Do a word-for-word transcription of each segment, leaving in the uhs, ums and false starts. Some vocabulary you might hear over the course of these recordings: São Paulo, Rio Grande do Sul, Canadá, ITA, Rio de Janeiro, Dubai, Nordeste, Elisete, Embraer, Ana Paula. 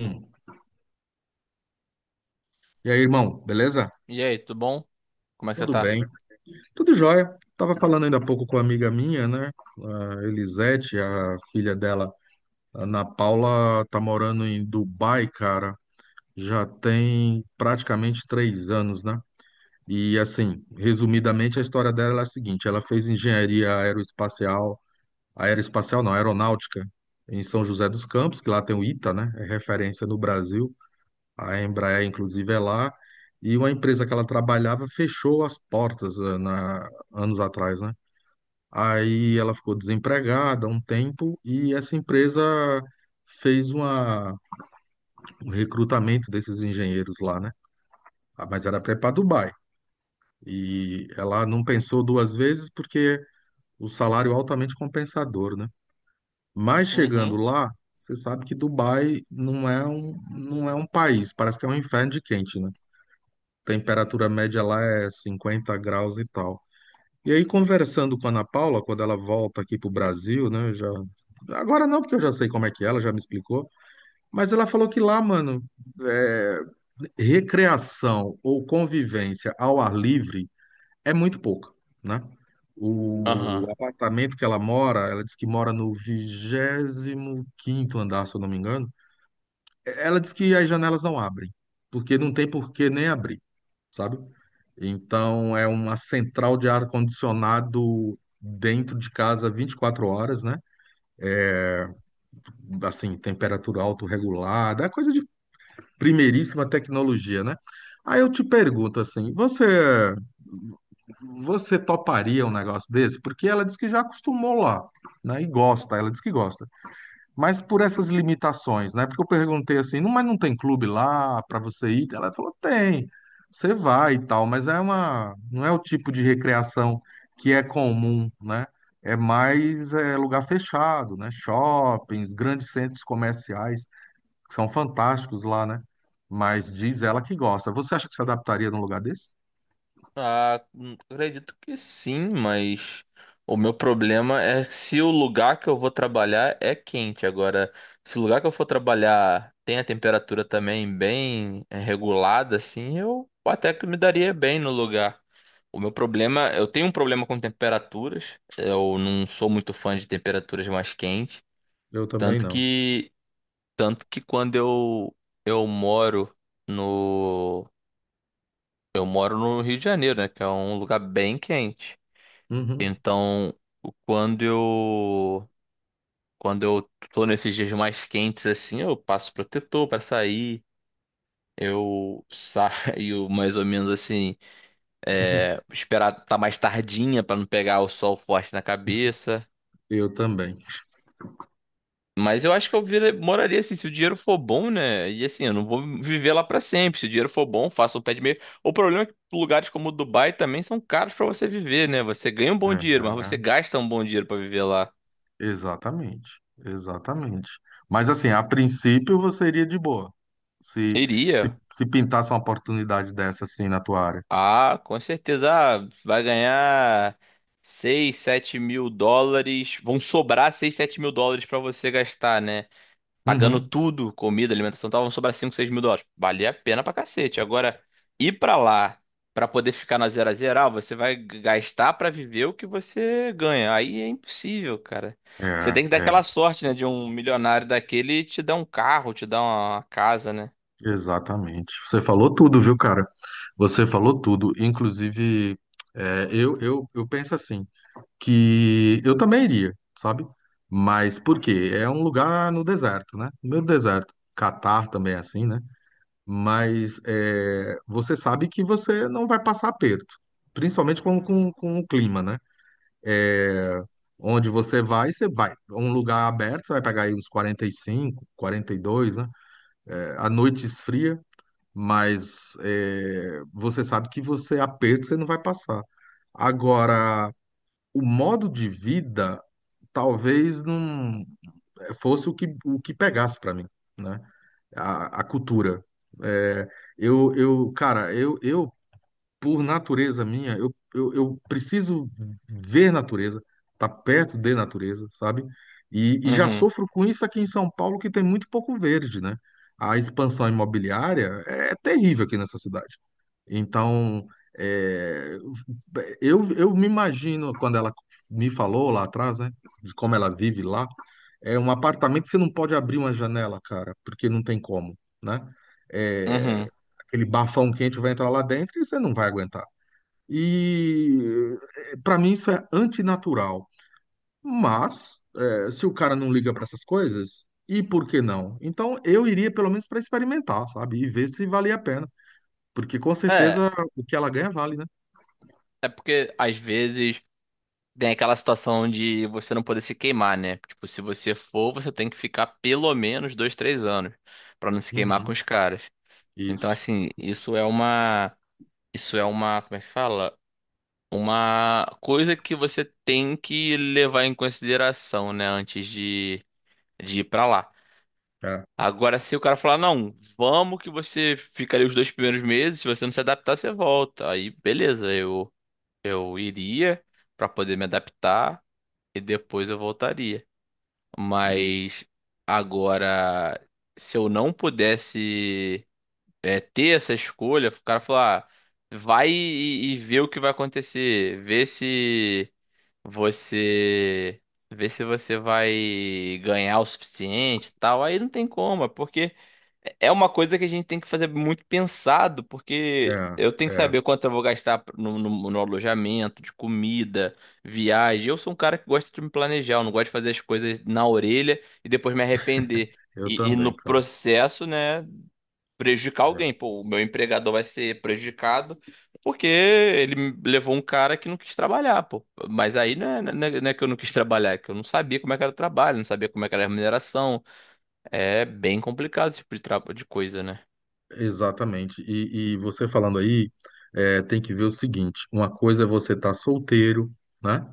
Hum. E aí, irmão, beleza? E aí, tudo bom? Como é que você Tudo tá? bem? Tudo jóia. Tava falando ainda há pouco com uma amiga minha, né? A Elisete, a filha dela, a Ana Paula, tá morando em Dubai, cara. Já tem praticamente três anos, né? E assim, resumidamente, a história dela é a seguinte: ela fez engenharia aeroespacial, aeroespacial não, aeronáutica, em São José dos Campos, que lá tem o ITA, né? É referência no Brasil. A Embraer, inclusive, é lá. E uma empresa que ela trabalhava fechou as portas eh, na, anos atrás, né? Aí ela ficou desempregada há um tempo e essa empresa fez uma, um recrutamento desses engenheiros lá, né? Ah, mas era para ir para Dubai. E ela não pensou duas vezes porque o salário é altamente compensador, né? Mas chegando Uhum. lá, você sabe que Dubai não é um, não é um país, parece que é um inferno de quente, né? Temperatura média lá é cinquenta graus e tal. E aí, conversando com a Ana Paula, quando ela volta aqui para o Brasil, né? eu Já... Agora não, porque eu já sei como é que é, ela já me explicou. Mas ela falou que lá, mano, é, recreação ou convivência ao ar livre é muito pouca, né? O Aham. apartamento que ela mora, ela disse que mora no vigésimo quinto andar, se eu não me engano. Ela diz que as janelas não abrem, porque não tem por que nem abrir, sabe? Então é uma central de ar-condicionado dentro de casa vinte e quatro horas, né? Assim, temperatura autorregulada, é coisa de primeiríssima tecnologia, né? Aí eu te pergunto assim, você você toparia um negócio desse? Porque ela diz que já acostumou lá, né? E gosta, ela diz que gosta. Mas por essas limitações, né? Porque eu perguntei assim, não, mas não tem clube lá para você ir? Ela falou, tem, você vai e tal, mas é uma, não é o tipo de recreação que é comum, né? É mais é, lugar fechado, né? Shoppings, grandes centros comerciais, que são fantásticos lá, né? Mas diz ela que gosta. Você acha que se adaptaria num lugar desse? Ah, hum, acredito que sim, mas o meu problema é se o lugar que eu vou trabalhar é quente. Agora, se o lugar que eu for trabalhar tem a temperatura também bem eh, regulada, assim, eu até que me daria bem no lugar. O meu problema, eu tenho um problema com temperaturas. Eu não sou muito fã de temperaturas mais quentes, Eu também tanto não. que tanto que quando eu eu moro no Eu moro no Rio de Janeiro, né? Que é um lugar bem quente. Uhum. Então, quando eu quando eu tô nesses dias mais quentes assim, eu passo protetor pra sair. Eu saio mais ou menos assim, é, esperar tá mais tardinha pra não pegar o sol forte na cabeça. Eu também. Mas eu acho que eu vira- moraria assim, se o dinheiro for bom, né? E assim, eu não vou viver lá pra sempre. Se o dinheiro for bom, faço o pé de meia. O problema é que lugares como Dubai também são caros pra você viver, né? Você ganha um bom dinheiro, mas você É. gasta um bom dinheiro pra viver lá. Exatamente, exatamente. Mas assim, a princípio você iria de boa, se, se, Iria? se pintasse uma oportunidade dessa assim na tua área. Ah, com certeza. Ah, vai ganhar seis, sete mil dólares. Vão sobrar seis, sete mil dólares pra você gastar, né? Pagando Uhum. tudo, comida, alimentação, estavam sobrar cinco seis mil dólares. Valia a pena pra cacete. Agora, ir pra lá pra poder ficar na zero a zero, ah, você vai g- gastar pra viver o que você ganha. Aí é impossível, cara. É, Você tem que dar é, aquela sorte, né, de um milionário daquele te dar um carro, te dar uma casa, né? exatamente. Você falou tudo, viu, cara? Você falou tudo. Inclusive, é, eu, eu, eu penso assim, que eu também iria, sabe? Mas por quê? É um lugar no deserto, né? No meio do deserto. Catar também é assim, né? Mas é, você sabe que você não vai passar aperto, principalmente com, com, com o clima, né? Eh, onde você vai, você vai. Um lugar aberto, você vai pegar aí uns quarenta e cinco, quarenta e dois, né? É, a noite esfria, mas é, você sabe que você aperto, você não vai passar. Agora, o modo de vida talvez não eh, fosse o que, o que pegasse para mim, né? A, a cultura. É, eu, eu, cara, eu, eu por natureza minha, eu, eu, eu preciso ver natureza, estar perto de natureza, sabe? E, e já Uhum, sofro com isso aqui em São Paulo, que tem muito pouco verde, né? A expansão imobiliária é é terrível aqui nessa cidade. Então, é, eu, eu me imagino, quando ela me falou lá atrás, né, de como ela vive lá, é um apartamento que você não pode abrir uma janela, cara, porque não tem como, né? É, uhum. aquele bafão quente vai entrar lá dentro e você não vai aguentar. E para mim isso é antinatural. Mas é, se o cara não liga para essas coisas, e por que não? Então eu iria pelo menos para experimentar, sabe? E ver se valia a pena. Porque com É, certeza o que ela ganha vale, né? é porque às vezes tem aquela situação de você não poder se queimar, né? Tipo, se você for, você tem que ficar pelo menos dois, três anos pra não se queimar Uhum, com os caras. Então, isso. assim, isso é uma, isso é uma, como é que fala? Uma coisa que você tem que levar em consideração, né, antes de, de ir pra lá. É. Agora, se o cara falar, não, vamos que você fica ali os dois primeiros meses, se você não se adaptar, você volta. Aí, beleza, eu, eu iria pra poder me adaptar e depois eu voltaria. E Mas agora, se eu não pudesse, é, ter essa escolha, o cara falar, ah, vai e, e vê o que vai acontecer, vê se você, vê se você vai ganhar o suficiente, e tal. Aí não tem como, é porque é uma coisa que a gente tem que fazer muito pensado, porque é, eu tenho que é. saber quanto eu vou gastar no, no- no alojamento, de comida, viagem. Eu sou um cara que gosta de me planejar, eu não gosto de fazer as coisas na orelha e depois me arrepender. Eu E, e também, no cara. processo, né, prejudicar alguém. É. Pô, o meu empregador vai ser prejudicado porque ele levou um cara que não quis trabalhar, pô. Mas aí não é, não é- não é que eu não quis trabalhar, é que eu não sabia como é que era o trabalho, não sabia como é que era a remuneração. É bem complicado esse tipo de, tra- de coisa, né? Exatamente. E, e você falando aí, é, tem que ver o seguinte: uma coisa é você estar solteiro, né?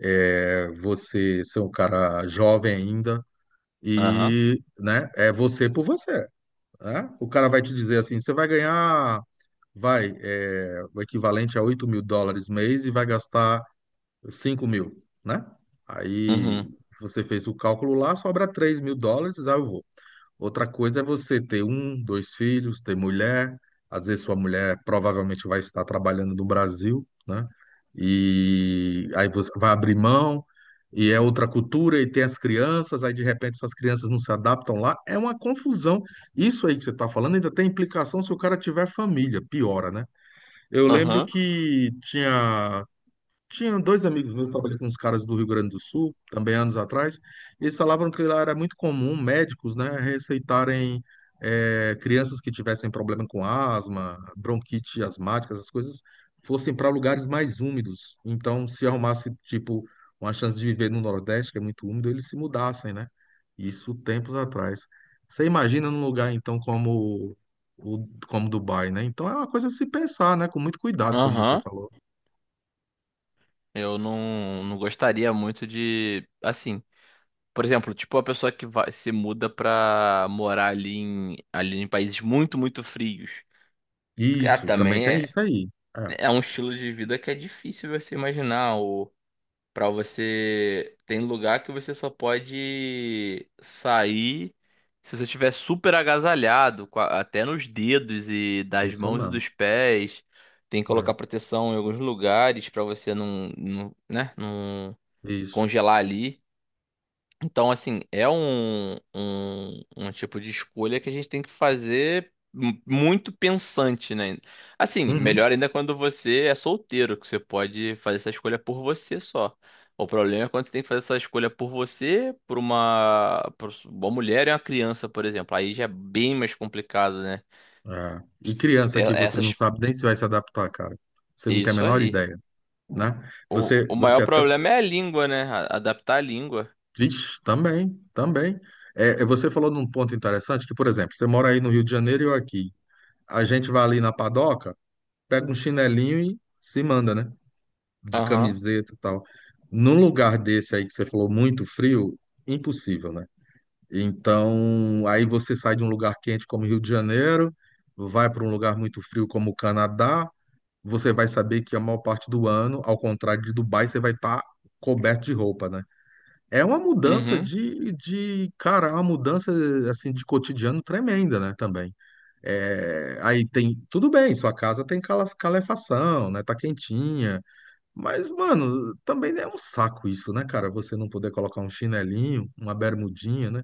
É, você ser um cara jovem ainda, Aham, e, né, é você por você, né? O cara vai te dizer assim: você vai ganhar, vai, é, o equivalente a oito mil dólares mês e vai gastar cinco mil, né? Aí uhum, você fez o cálculo lá, sobra três mil dólares, aí eu vou. Outra coisa é você ter um, dois filhos, ter mulher. Às vezes sua mulher provavelmente vai estar trabalhando no Brasil, né? E aí você vai abrir mão, e é outra cultura, e tem as crianças, aí de repente essas crianças não se adaptam lá. É uma confusão. Isso aí que você está falando ainda tem implicação se o cara tiver família, piora, né? Eu lembro aham, que tinha tinha dois amigos meus, trabalhei com uns caras do Rio Grande do Sul, também anos atrás, e eles falavam que lá era muito comum médicos, né, receitarem eh, crianças que tivessem problema com asma, bronquite asmática, essas coisas, fossem para lugares mais úmidos. Então, se arrumasse, tipo, uma chance de viver no Nordeste, que é muito úmido, eles se mudassem, né? Isso tempos atrás. Você imagina num lugar, então, como, o- como Dubai, né? Então, é uma coisa a se pensar, né, com muito cuidado, como você aham. falou. Eu não, não gostaria muito de, assim... Por exemplo, tipo a pessoa que vai, se muda pra morar ali em, ali em países muito, muito frios. Ah, Isso, também também tem é. isso aí. É, É um estilo de vida que é difícil você imaginar. Ou para você. Tem lugar que você só pode sair se você estiver super agasalhado, com a- até nos dedos e das isso mãos e mesmo. dos pés. Tem que É, colocar proteção em alguns lugares para você não, não, né, não isso. congelar ali. Então, assim, é um, um, um tipo de escolha que a gente tem que fazer mu- muito pensante, né? Assim, Uhum. melhor ainda quando você é solteiro, que você pode fazer essa escolha por você só. O problema é quando você tem que fazer essa escolha por você, por uma, por uma mulher e uma criança, por exemplo. Aí já é bem mais complicado, né? É. E criança É- que você não Essas, sabe nem se vai se adaptar, cara. Você não tem a isso menor aí. ideia, né? O, Você, o maior você até. problema é a língua, né? A- Adaptar a língua. Vixe, também, também. É, é, você falou num ponto interessante que, por exemplo, você mora aí no Rio de Janeiro e eu aqui. A gente vai ali na padoca, pega um chinelinho e se manda, né? De Aham. camiseta e tal. Num lugar desse aí que você falou muito frio, impossível, né? Então, aí você sai de um lugar quente como Rio de Janeiro, vai para um lugar muito frio como o Canadá, você vai saber que a maior parte do ano, ao contrário de Dubai, você vai estar coberto de roupa, né? É uma mudança Uhum. de, de, cara, é uma mudança assim de cotidiano tremenda, né? Também. É, aí tem, tudo bem, sua casa tem cala- calefação, né? Tá quentinha, mas mano, também é um saco isso, né, cara? Você não poder colocar um chinelinho, uma bermudinha, né?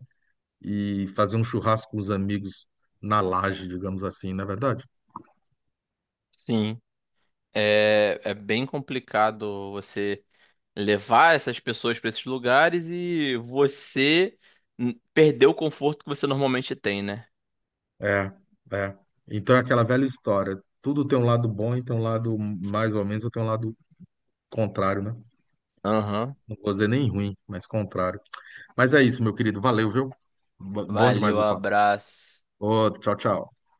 E fazer um churrasco com os amigos na laje, digamos assim, não é verdade? Sim. É, é bem complicado você levar essas pessoas para esses lugares e você n- perder o conforto que você normalmente tem, né? É, é. Então é aquela velha história. Tudo tem um lado bom e tem um lado mais ou menos, ou tem um lado contrário, né? Aham. Não vou dizer nem ruim, mas contrário. Mas é isso, meu querido. Valeu, viu? Bo- Bom demais Valeu, o papo. abraço. Ô, tchau, tchau.